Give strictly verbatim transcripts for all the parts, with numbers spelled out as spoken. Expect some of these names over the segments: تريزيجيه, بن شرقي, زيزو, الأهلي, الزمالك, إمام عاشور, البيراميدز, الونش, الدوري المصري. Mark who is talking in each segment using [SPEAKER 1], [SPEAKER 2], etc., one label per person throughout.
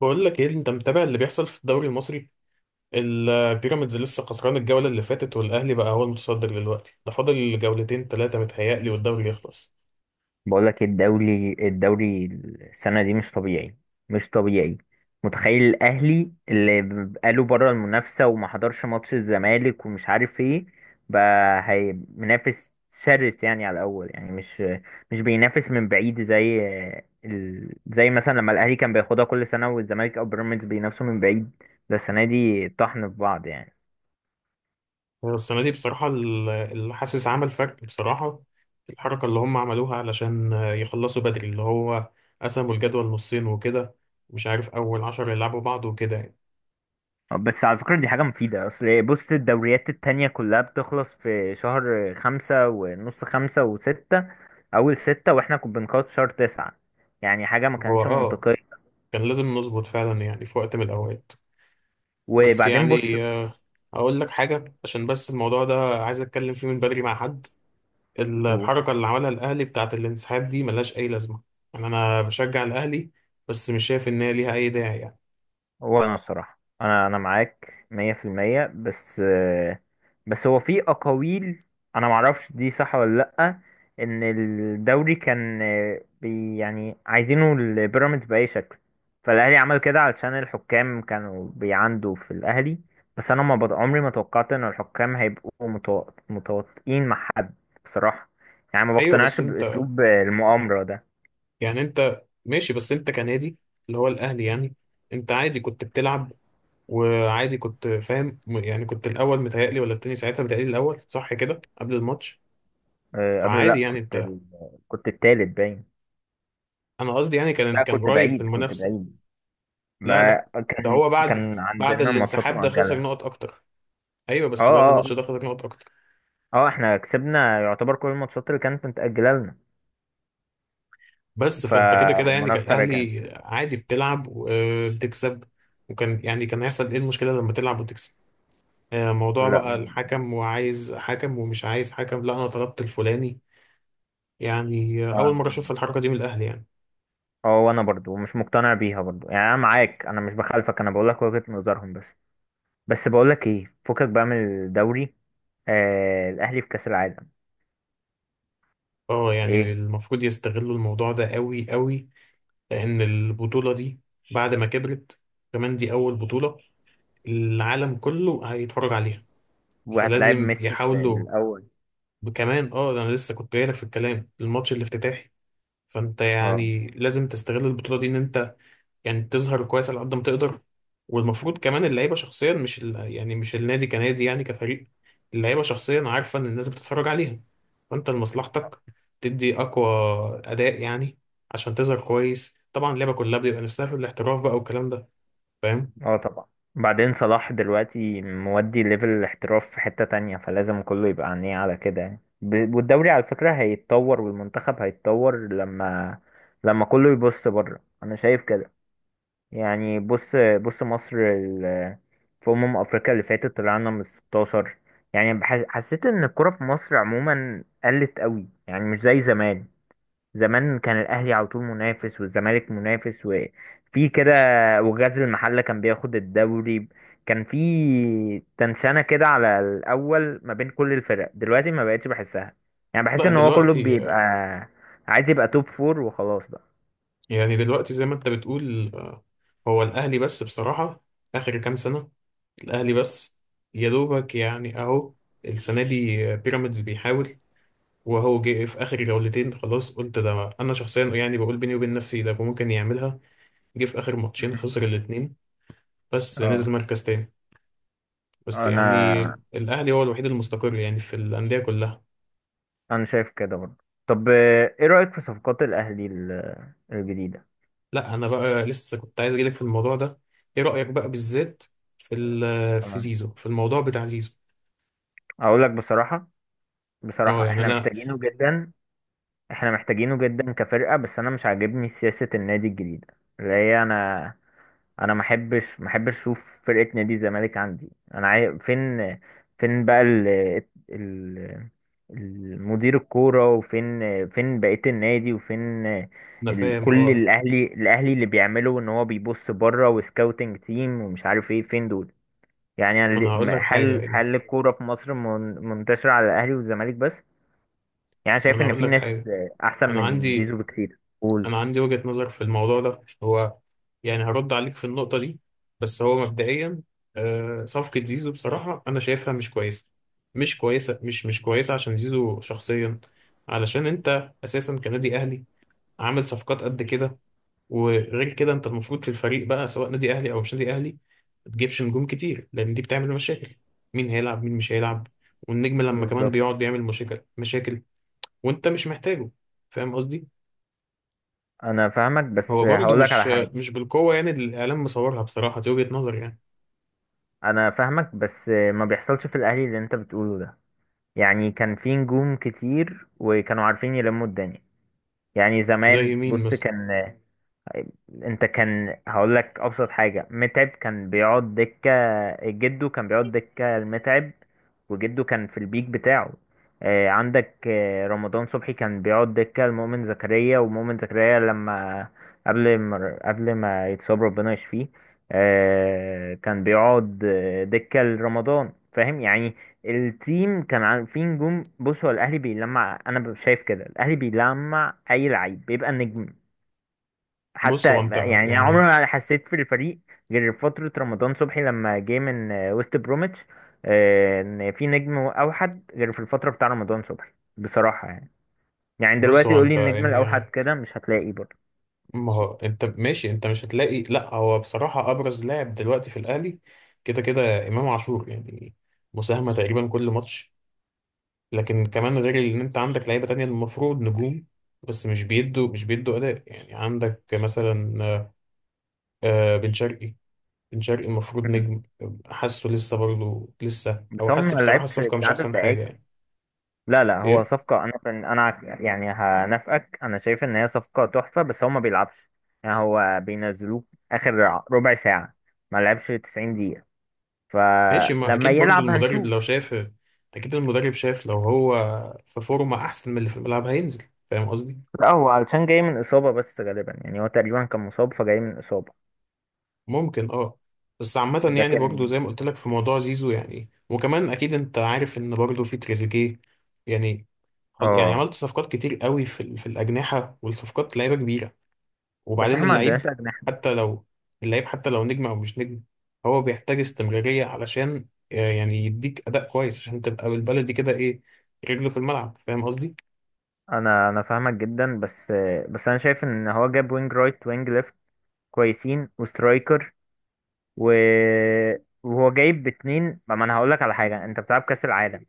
[SPEAKER 1] بقول لك ايه؟ انت متابع اللي بيحصل في الدوري المصري؟ البيراميدز لسه خسران الجولة اللي فاتت، والاهلي بقى هو المتصدر دلوقتي. ده فاضل جولتين ثلاثة متهيألي والدوري يخلص.
[SPEAKER 2] بقول لك الدوري الدوري السنة دي مش طبيعي، مش طبيعي. متخيل الأهلي اللي بقاله بره المنافسة وما حضرش ماتش الزمالك ومش عارف ايه، بقى هي منافس شرس يعني على الأول، يعني مش مش بينافس من بعيد زي ال... زي مثلا لما الأهلي كان بياخدها كل سنة والزمالك أو بيراميدز بينافسوا من بعيد. ده السنة دي طحن في بعض يعني.
[SPEAKER 1] السنة دي بصراحة ال- اللي حاسس عمل فرق بصراحة. الحركة اللي هم عملوها علشان يخلصوا بدري، اللي هو قسموا الجدول نصين وكده. مش عارف، أول عشر يلعبوا بعض وكده يعني.
[SPEAKER 2] بس على فكرة دي حاجة مفيدة، أصل إيه، بص الدوريات التانية كلها بتخلص في شهر خمسة ونص، خمسة وستة، أول ستة، وإحنا كنا بنخلص في شهر تسعة، يعني حاجة ما
[SPEAKER 1] هو
[SPEAKER 2] كانتش
[SPEAKER 1] اه
[SPEAKER 2] منطقية.
[SPEAKER 1] كان لازم نظبط فعلا يعني في وقت من الأوقات. بس
[SPEAKER 2] وبعدين بص،
[SPEAKER 1] يعني آه، أقول لك حاجة، عشان بس الموضوع ده عايز أتكلم فيه من بدري مع حد. ال- الحركة اللي عملها الأهلي بتاعت الانسحاب دي ملهاش أي لازمة. يعني أنا بشجع الأهلي بس مش شايف إن هي ليها أي داعي يعني.
[SPEAKER 2] هو انا الصراحه انا انا معاك مية في المية، بس بس هو في اقاويل انا معرفش دي صح ولا لا، ان الدوري كان بي يعني عايزينه البيراميدز باي شكل، فالاهلي عمل كده علشان الحكام كانوا بيعندوا في الاهلي. بس انا ما بط... عمري ما توقعت ان الحكام هيبقوا متو... متواطئين مع حد بصراحه، يعني ما
[SPEAKER 1] أيوه، بس
[SPEAKER 2] بقتنعش
[SPEAKER 1] أنت
[SPEAKER 2] باسلوب المؤامره ده.
[SPEAKER 1] يعني أنت ماشي، بس أنت كنادي اللي هو الأهلي يعني. أنت عادي كنت بتلعب، وعادي كنت فاهم، م- يعني كنت الأول متهيألي ولا التاني ساعتها؟ متهيألي الأول، صح كده، قبل الماتش.
[SPEAKER 2] أه، قبل
[SPEAKER 1] فعادي
[SPEAKER 2] لا
[SPEAKER 1] يعني
[SPEAKER 2] كنت
[SPEAKER 1] أنت.
[SPEAKER 2] ال... كنت التالت باين.
[SPEAKER 1] أنا قصدي يعني كان
[SPEAKER 2] لا
[SPEAKER 1] كان
[SPEAKER 2] كنت
[SPEAKER 1] قريب في
[SPEAKER 2] بعيد، كنت
[SPEAKER 1] المنافسة.
[SPEAKER 2] بعيد،
[SPEAKER 1] لا
[SPEAKER 2] ما
[SPEAKER 1] لا، ده
[SPEAKER 2] كان
[SPEAKER 1] هو بعد
[SPEAKER 2] كان
[SPEAKER 1] بعد
[SPEAKER 2] عندنا ماتشات
[SPEAKER 1] الانسحاب ده خسر
[SPEAKER 2] مؤجلة.
[SPEAKER 1] نقط أكتر. أيوه،
[SPEAKER 2] اه،
[SPEAKER 1] بس بعد
[SPEAKER 2] اه،
[SPEAKER 1] الماتش ده خسر نقط أكتر.
[SPEAKER 2] اه احنا كسبنا يعتبر كل الماتشات اللي كانت متأجلة لنا،
[SPEAKER 1] بس فانت كده كده يعني كان
[SPEAKER 2] فالمنافسة رجعت.
[SPEAKER 1] الاهلي عادي بتلعب وبتكسب، وكان يعني كان هيحصل ايه المشكله لما تلعب وتكسب؟ آه، موضوع
[SPEAKER 2] لا.
[SPEAKER 1] بقى الحكم، وعايز حكم ومش عايز حكم، لا انا طلبت الفلاني. يعني آه،
[SPEAKER 2] اه.
[SPEAKER 1] اول مره اشوف الحركه دي من الاهلي يعني.
[SPEAKER 2] آه، وانا برضو مش مقتنع بيها برضو، يعني انا معاك، انا مش بخالفك، انا بقولك وجهة نظرهم بس. بس بقولك ايه، فكك بقى من الدوري، آه الاهلي في كأس العالم.
[SPEAKER 1] اه، يعني
[SPEAKER 2] ايه
[SPEAKER 1] المفروض يستغلوا الموضوع ده قوي قوي، لان البطوله دي بعد ما كبرت، كمان دي اول بطوله العالم كله هيتفرج عليها،
[SPEAKER 2] وهتلاعب
[SPEAKER 1] فلازم
[SPEAKER 2] ميسي في
[SPEAKER 1] يحاولوا.
[SPEAKER 2] الاول.
[SPEAKER 1] كمان اه انا لسه كنت جايلك في الكلام، الماتش الافتتاحي. فانت
[SPEAKER 2] اه.
[SPEAKER 1] يعني لازم تستغل البطولة دي، ان انت يعني تظهر كويس على قد ما تقدر. والمفروض كمان اللعيبة شخصيا، مش ال... يعني مش النادي كنادي يعني كفريق، اللعيبة شخصيا عارفة ان الناس بتتفرج عليها، فانت لمصلحتك تدي اقوى اداء يعني. عشان تظهر كويس، طبعا اللعبة كلها بيبقى نفسها في الاحتراف بقى، والكلام ده، فاهم.
[SPEAKER 2] اه طبعا. بعدين صلاح دلوقتي مودي ليفل الاحتراف في حتة تانية، فلازم كله يبقى عينيه على كده، يعني ب- والدوري على فكرة هيتطور والمنتخب هيتطور لما لما كله يبص بره، انا شايف كده. يعني بص، بص مصر ال- في أمم أفريقيا اللي فاتت طلعنا من ستاشر. يعني بح- حسيت إن الكرة في مصر عموما قلت قوي، يعني مش زي زمان. زمان كان الاهلي على طول منافس والزمالك منافس وفي كده، وغزل المحله كان بياخد الدوري، كان في تنشنه كده على الاول ما بين كل الفرق. دلوقتي ما بقتش بحسها، يعني بحس
[SPEAKER 1] لا
[SPEAKER 2] ان هو كله
[SPEAKER 1] دلوقتي،
[SPEAKER 2] بيبقى عايز يبقى توب فور وخلاص بقى.
[SPEAKER 1] يعني دلوقتي زي ما انت بتقول، آه، هو الاهلي بس بصراحة اخر كام سنة، الأهلي بس يا دوبك يعني. أهو السنة دي بيراميدز بيحاول، وهو جه في آخر جولتين خلاص، قلت ده أنا شخصيا يعني بقول بيني وبين نفسي ده ممكن يعملها. جه في آخر ماتشين
[SPEAKER 2] مم.
[SPEAKER 1] خسر الاتنين، بس
[SPEAKER 2] اه
[SPEAKER 1] نزل مركز تاني. بس
[SPEAKER 2] انا
[SPEAKER 1] يعني الأهلي هو الوحيد المستقر يعني في الأندية كلها.
[SPEAKER 2] انا شايف كده برضه. طب آه، ايه رايك في صفقات الاهلي ال- الجديده.
[SPEAKER 1] لا، أنا بقى لسه كنت عايز أجيلك في الموضوع ده. إيه رأيك بقى بالذات، في ال- في
[SPEAKER 2] طبعا،
[SPEAKER 1] زيزو، في الموضوع بتاع زيزو؟
[SPEAKER 2] اقول لك بصراحه،
[SPEAKER 1] اه،
[SPEAKER 2] بصراحه
[SPEAKER 1] يعني
[SPEAKER 2] احنا
[SPEAKER 1] أنا
[SPEAKER 2] محتاجينه جدا، احنا محتاجينه جدا كفرقة، بس انا مش عاجبني سياسة النادي الجديدة، اللي هي انا، انا ما احبش ما احبش اشوف فرقة نادي الزمالك عندي، انا عاي... فين، فين بقى ال... ال... المدير الكورة، وفين فين بقية النادي، وفين
[SPEAKER 1] أنا
[SPEAKER 2] ال...
[SPEAKER 1] فاهم،
[SPEAKER 2] كل
[SPEAKER 1] اه.
[SPEAKER 2] الاهلي، الاهلي اللي بيعمله ان هو بيبص بره وسكاوتنج تيم ومش عارف ايه، فين دول؟ يعني أنا
[SPEAKER 1] ما أنا
[SPEAKER 2] ل-
[SPEAKER 1] هقول لك حاجة
[SPEAKER 2] هل
[SPEAKER 1] يعني،
[SPEAKER 2] هل الكورة في مصر من... منتشرة على الاهلي والزمالك بس؟ يعني
[SPEAKER 1] ما
[SPEAKER 2] شايف
[SPEAKER 1] أنا
[SPEAKER 2] ان
[SPEAKER 1] هقول
[SPEAKER 2] في
[SPEAKER 1] لك
[SPEAKER 2] ناس
[SPEAKER 1] حاجة
[SPEAKER 2] احسن
[SPEAKER 1] انا
[SPEAKER 2] من
[SPEAKER 1] عندي
[SPEAKER 2] زيزو بكتير، قول.
[SPEAKER 1] انا عندي وجهة نظر في الموضوع ده. هو يعني هرد عليك في النقطة دي. بس هو مبدئيا، آه، صفقة زيزو بصراحة انا شايفها مش كويسة، مش كويسة، مش مش كويسة، عشان زيزو شخصيا. علشان انت اساسا كنادي اهلي عامل صفقات قد كده، وغير كده انت المفروض في الفريق بقى، سواء نادي اهلي او مش نادي اهلي، ما تجيبش نجوم كتير، لان دي بتعمل مشاكل. مين هيلعب مين مش هيلعب؟ والنجم لما كمان
[SPEAKER 2] بالظبط،
[SPEAKER 1] بيقعد بيعمل مشاكل مشاكل، وانت مش محتاجه، فاهم قصدي.
[SPEAKER 2] انا فاهمك بس
[SPEAKER 1] هو برضه
[SPEAKER 2] هقول لك
[SPEAKER 1] مش
[SPEAKER 2] على حاجه.
[SPEAKER 1] مش بالقوة يعني، اللي الإعلام مصورها بصراحة، دي وجهة نظري يعني.
[SPEAKER 2] انا فاهمك، بس ما بيحصلش في الاهلي اللي انت بتقوله ده، يعني كان في نجوم كتير وكانوا عارفين يلموا الدنيا. يعني
[SPEAKER 1] زي
[SPEAKER 2] زمان
[SPEAKER 1] مين
[SPEAKER 2] بص
[SPEAKER 1] مثلا؟
[SPEAKER 2] كان، طيب، انت كان، هقول لك ابسط حاجه، متعب كان بيقعد دكه، جده كان بيقعد دكه المتعب وجده كان في البيك بتاعه. آه، عندك آه، رمضان صبحي كان بيقعد دكه المؤمن زكريا، ومؤمن زكريا لما، قبل ما قبل ما يتصاب ربنا يشفيه، آه، كان بيقعد آه، دكه لرمضان، فاهم يعني. التيم كان عن- فيه نجوم. بص هو الاهلي بيلمع، انا شايف كده، الاهلي بيلمع اي لعيب بيبقى نجم. حتى
[SPEAKER 1] بص هو أنت
[SPEAKER 2] يعني عمري
[SPEAKER 1] يعني
[SPEAKER 2] ما حسيت في الفريق غير فترة رمضان صبحي لما جه من آه، وست بروميتش، آه، ان في نجم اوحد غير في الفترة بتاع رمضان صبحي بصراحة يعني. يعني
[SPEAKER 1] بص
[SPEAKER 2] دلوقتي
[SPEAKER 1] هو
[SPEAKER 2] قولي
[SPEAKER 1] أنت
[SPEAKER 2] النجم الاوحد
[SPEAKER 1] يعني،
[SPEAKER 2] كده مش هتلاقي برضه.
[SPEAKER 1] ما هو أنت ماشي، أنت مش هتلاقي، لأ هو بصراحة أبرز لاعب دلوقتي في الأهلي كده كده إمام عاشور يعني، مساهمة تقريبا كل ماتش. لكن كمان، غير إن أنت عندك لعيبة تانية المفروض نجوم، بس مش بيدوا مش بيدوا أداء يعني. عندك مثلا آه، بن شرقي. بن شرقي المفروض
[SPEAKER 2] مم.
[SPEAKER 1] نجم. حاسه لسه برضه لسه
[SPEAKER 2] بس
[SPEAKER 1] او
[SPEAKER 2] هو ما
[SPEAKER 1] حاسس بصراحه
[SPEAKER 2] لعبش
[SPEAKER 1] الصفقه مش
[SPEAKER 2] عدد
[SPEAKER 1] احسن حاجه
[SPEAKER 2] دقايق.
[SPEAKER 1] يعني.
[SPEAKER 2] لا لا، هو
[SPEAKER 1] ايه.
[SPEAKER 2] صفقة، أنا فن- أنا عك- يعني هنافقك، أنا شايف إن هي صفقة تحفة بس هو ما بيلعبش، يعني هو بينزلوه آخر ع- ربع ساعة، ما لعبش تسعين دقيقة،
[SPEAKER 1] ماشي، ما
[SPEAKER 2] فلما
[SPEAKER 1] اكيد برضه
[SPEAKER 2] يلعب
[SPEAKER 1] المدرب
[SPEAKER 2] هنشوف.
[SPEAKER 1] لو شاف، اكيد المدرب شاف لو هو في فورمه احسن من اللي في الملعب هينزل، فاهم قصدي.
[SPEAKER 2] لا هو علشان جاي من إصابة بس غالبا، يعني هو تقريبا كان مصاب فجاي من إصابة.
[SPEAKER 1] ممكن، اه. بس عامه
[SPEAKER 2] ده
[SPEAKER 1] يعني برضه
[SPEAKER 2] كان.
[SPEAKER 1] زي ما قلت لك في موضوع زيزو، يعني وكمان اكيد انت عارف ان برضه في تريزيجيه يعني. خل- يعني
[SPEAKER 2] اه
[SPEAKER 1] عملت صفقات كتير قوي في ال- في الاجنحه، والصفقات لعيبه كبيره.
[SPEAKER 2] بس
[SPEAKER 1] وبعدين
[SPEAKER 2] احنا ما
[SPEAKER 1] اللعيب،
[SPEAKER 2] عندناش أجنحة.
[SPEAKER 1] حتى لو اللعيب حتى لو نجم او مش نجم، هو بيحتاج استمرارية علشان آه، يعني يديك اداء كويس، عشان تبقى بالبلدي كده ايه، رجله في الملعب، فاهم قصدي.
[SPEAKER 2] أنا أنا فاهمك جدا بس، بس أنا شايف إن هو جاب وينج رايت، وينج ليفت كويسين، وسترايكر و- وهو جايب باتنين. ما انا هقول لك على حاجه، انت بتلعب كاس العالم،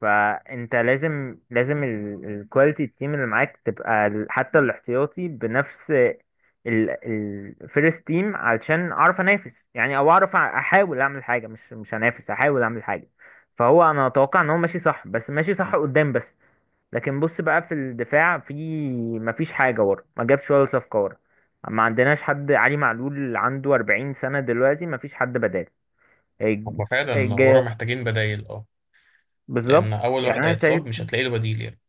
[SPEAKER 2] فانت لازم لازم الكواليتي التيم اللي معاك تبقى ال- حتى الاحتياطي بنفس الفيرست تيم، علشان اعرف انافس، يعني او اعرف أ- احاول اعمل حاجه، مش مش هنافس احاول اعمل حاجه. فهو انا اتوقع ان هو ماشي صح، بس ماشي صح قدام بس. لكن بص بقى في الدفاع، في مفيش حاجة ورا، ما جابش ولا صفقة ورا، ما عندناش حد، علي معلول عنده أربعين سنة دلوقتي مفيش حد بداله. هيج-
[SPEAKER 1] هما فعلا ورا
[SPEAKER 2] هيج-
[SPEAKER 1] محتاجين بدايل، اه. لان
[SPEAKER 2] بالظبط.
[SPEAKER 1] اول
[SPEAKER 2] يعني
[SPEAKER 1] واحد
[SPEAKER 2] انا شايف،
[SPEAKER 1] هيتصاب مش هتلاقي له بديل يعني.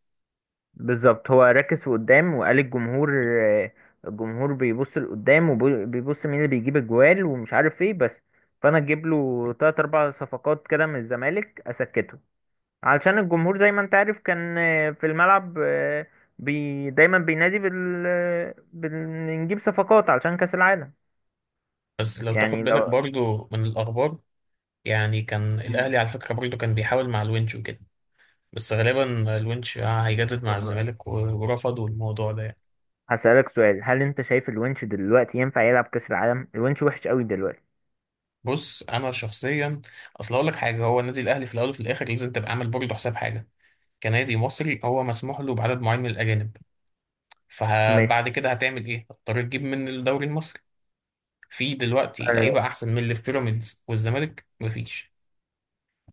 [SPEAKER 2] بالظبط هو ركز في قدام وقال الجمهور آه، الجمهور بيبص لقدام وبيبص مين اللي بيجيب الجوال ومش عارف ايه بس، فانا اجيب له تلات اربع صفقات كده من الزمالك اسكته، علشان الجمهور زي ما انت عارف كان آه، في الملعب آه، بي دايما بينادي بال... بنجيب صفقات علشان كأس العالم.
[SPEAKER 1] بس لو تاخد
[SPEAKER 2] يعني
[SPEAKER 1] بالك
[SPEAKER 2] لو.
[SPEAKER 1] برضو من الاخبار، يعني كان
[SPEAKER 2] مم.
[SPEAKER 1] الاهلي على فكره برضو كان بيحاول مع الونش وكده، بس غالبا الونش هيجدد مع
[SPEAKER 2] طب
[SPEAKER 1] الزمالك، ورفضوا الموضوع ده يعني.
[SPEAKER 2] هسألك سؤال، هل انت شايف الونش دلوقتي ينفع يلعب كأس العالم؟ الونش وحش قوي دلوقتي.
[SPEAKER 1] بص انا شخصيا، اصل اقول لك حاجه، هو النادي الاهلي في الاول وفي الاخر لازم تبقى عامل برضه حساب حاجه. كنادي مصري هو مسموح له بعدد معين من الاجانب،
[SPEAKER 2] ماشي
[SPEAKER 1] فبعد كده هتعمل ايه؟ هتضطر تجيب من الدوري المصري. في دلوقتي
[SPEAKER 2] آه،
[SPEAKER 1] لعيبه احسن من اللي في بيراميدز والزمالك؟ مفيش.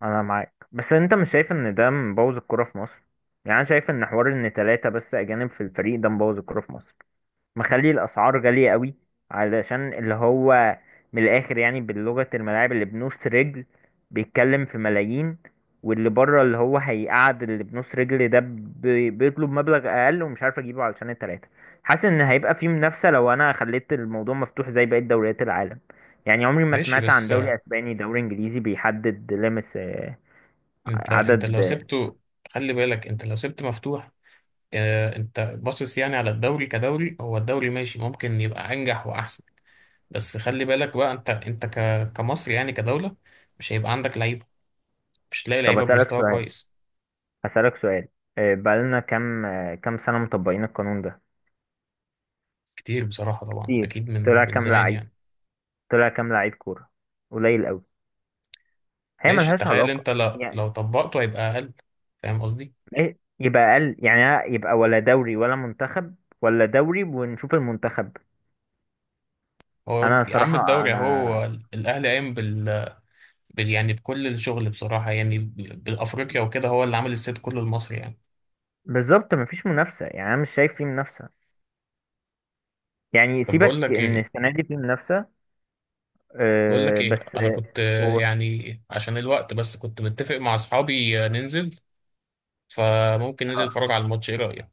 [SPEAKER 2] انا معاك، بس انت مش شايف ان ده مبوظ الكرة في مصر؟ يعني انا شايف ان حوار ان ثلاثة بس اجانب في الفريق ده مبوظ الكرة في مصر، مخلي الاسعار غاليه قوي، علشان اللي هو من الاخر يعني باللغه، الملاعب اللي بنص رجل بيتكلم في ملايين، واللي بره اللي هو هيقعد، اللي بنص رجل ده بي- بيطلب مبلغ اقل ومش عارف اجيبه علشان التلاته. حاسس ان هيبقى في منافسه لو انا خليت الموضوع مفتوح زي بقيه دوريات العالم، يعني عمري ما
[SPEAKER 1] ماشي
[SPEAKER 2] سمعت عن
[SPEAKER 1] بس،
[SPEAKER 2] دوري
[SPEAKER 1] آه،
[SPEAKER 2] اسباني دوري انجليزي بيحدد ليميتس آه،
[SPEAKER 1] انت انت لو
[SPEAKER 2] عدد.
[SPEAKER 1] سبته، خلي بالك انت لو سبت مفتوح، آه، انت باصص يعني على الدوري كدوري، هو الدوري ماشي ممكن يبقى انجح واحسن. بس خلي بالك بقى، انت انت ك- كمصري يعني كدوله، مش هيبقى عندك لعيبه، مش تلاقي
[SPEAKER 2] طب
[SPEAKER 1] لعيبه
[SPEAKER 2] اسالك
[SPEAKER 1] بمستوى
[SPEAKER 2] سؤال،
[SPEAKER 1] كويس.
[SPEAKER 2] اسالك سؤال، آه، بقالنا كام، آه، كام سنه مطبقين القانون ده؟
[SPEAKER 1] كتير بصراحه، طبعا
[SPEAKER 2] كتير،
[SPEAKER 1] اكيد من
[SPEAKER 2] طلع
[SPEAKER 1] من
[SPEAKER 2] كام
[SPEAKER 1] زمان
[SPEAKER 2] لعيب،
[SPEAKER 1] يعني.
[SPEAKER 2] طلع كام لعيب كورة؟ قليل قوي، هي
[SPEAKER 1] ماشي
[SPEAKER 2] ملهاش
[SPEAKER 1] تخيل
[SPEAKER 2] علاقة.
[SPEAKER 1] انت، لا لو
[SPEAKER 2] يعني
[SPEAKER 1] طبقته هيبقى اقل، فاهم قصدي.
[SPEAKER 2] إيه؟ يبقى أقل؟ يعني يبقى ولا دوري ولا منتخب، ولا دوري ونشوف المنتخب.
[SPEAKER 1] هو
[SPEAKER 2] أنا
[SPEAKER 1] يا عم
[SPEAKER 2] صراحة
[SPEAKER 1] الدوري
[SPEAKER 2] أنا،
[SPEAKER 1] اهو، الاهلي قايم بال... بال يعني بكل الشغل بصراحه يعني، ب- بالافريقيا وكده، هو اللي عامل الست كله المصري يعني.
[SPEAKER 2] بالظبط مفيش منافسة، يعني أنا مش شايف فيه منافسة، يعني
[SPEAKER 1] طب بقول
[SPEAKER 2] سيبك
[SPEAKER 1] لك
[SPEAKER 2] إن
[SPEAKER 1] ايه،
[SPEAKER 2] السنة دي فيه منافسة.
[SPEAKER 1] بقول لك
[SPEAKER 2] أه
[SPEAKER 1] ايه
[SPEAKER 2] بس
[SPEAKER 1] انا
[SPEAKER 2] آه،
[SPEAKER 1] كنت آه،
[SPEAKER 2] قول.
[SPEAKER 1] يعني عشان الوقت بس، كنت متفق مع اصحابي آه، ننزل، فممكن ننزل نتفرج على الماتش، ايه رايك؟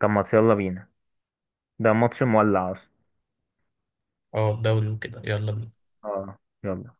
[SPEAKER 2] طب ما يلا بينا، ده ماتش مولع أصلا.
[SPEAKER 1] اه الدوري وكده، يلا بينا.
[SPEAKER 2] اه يلا.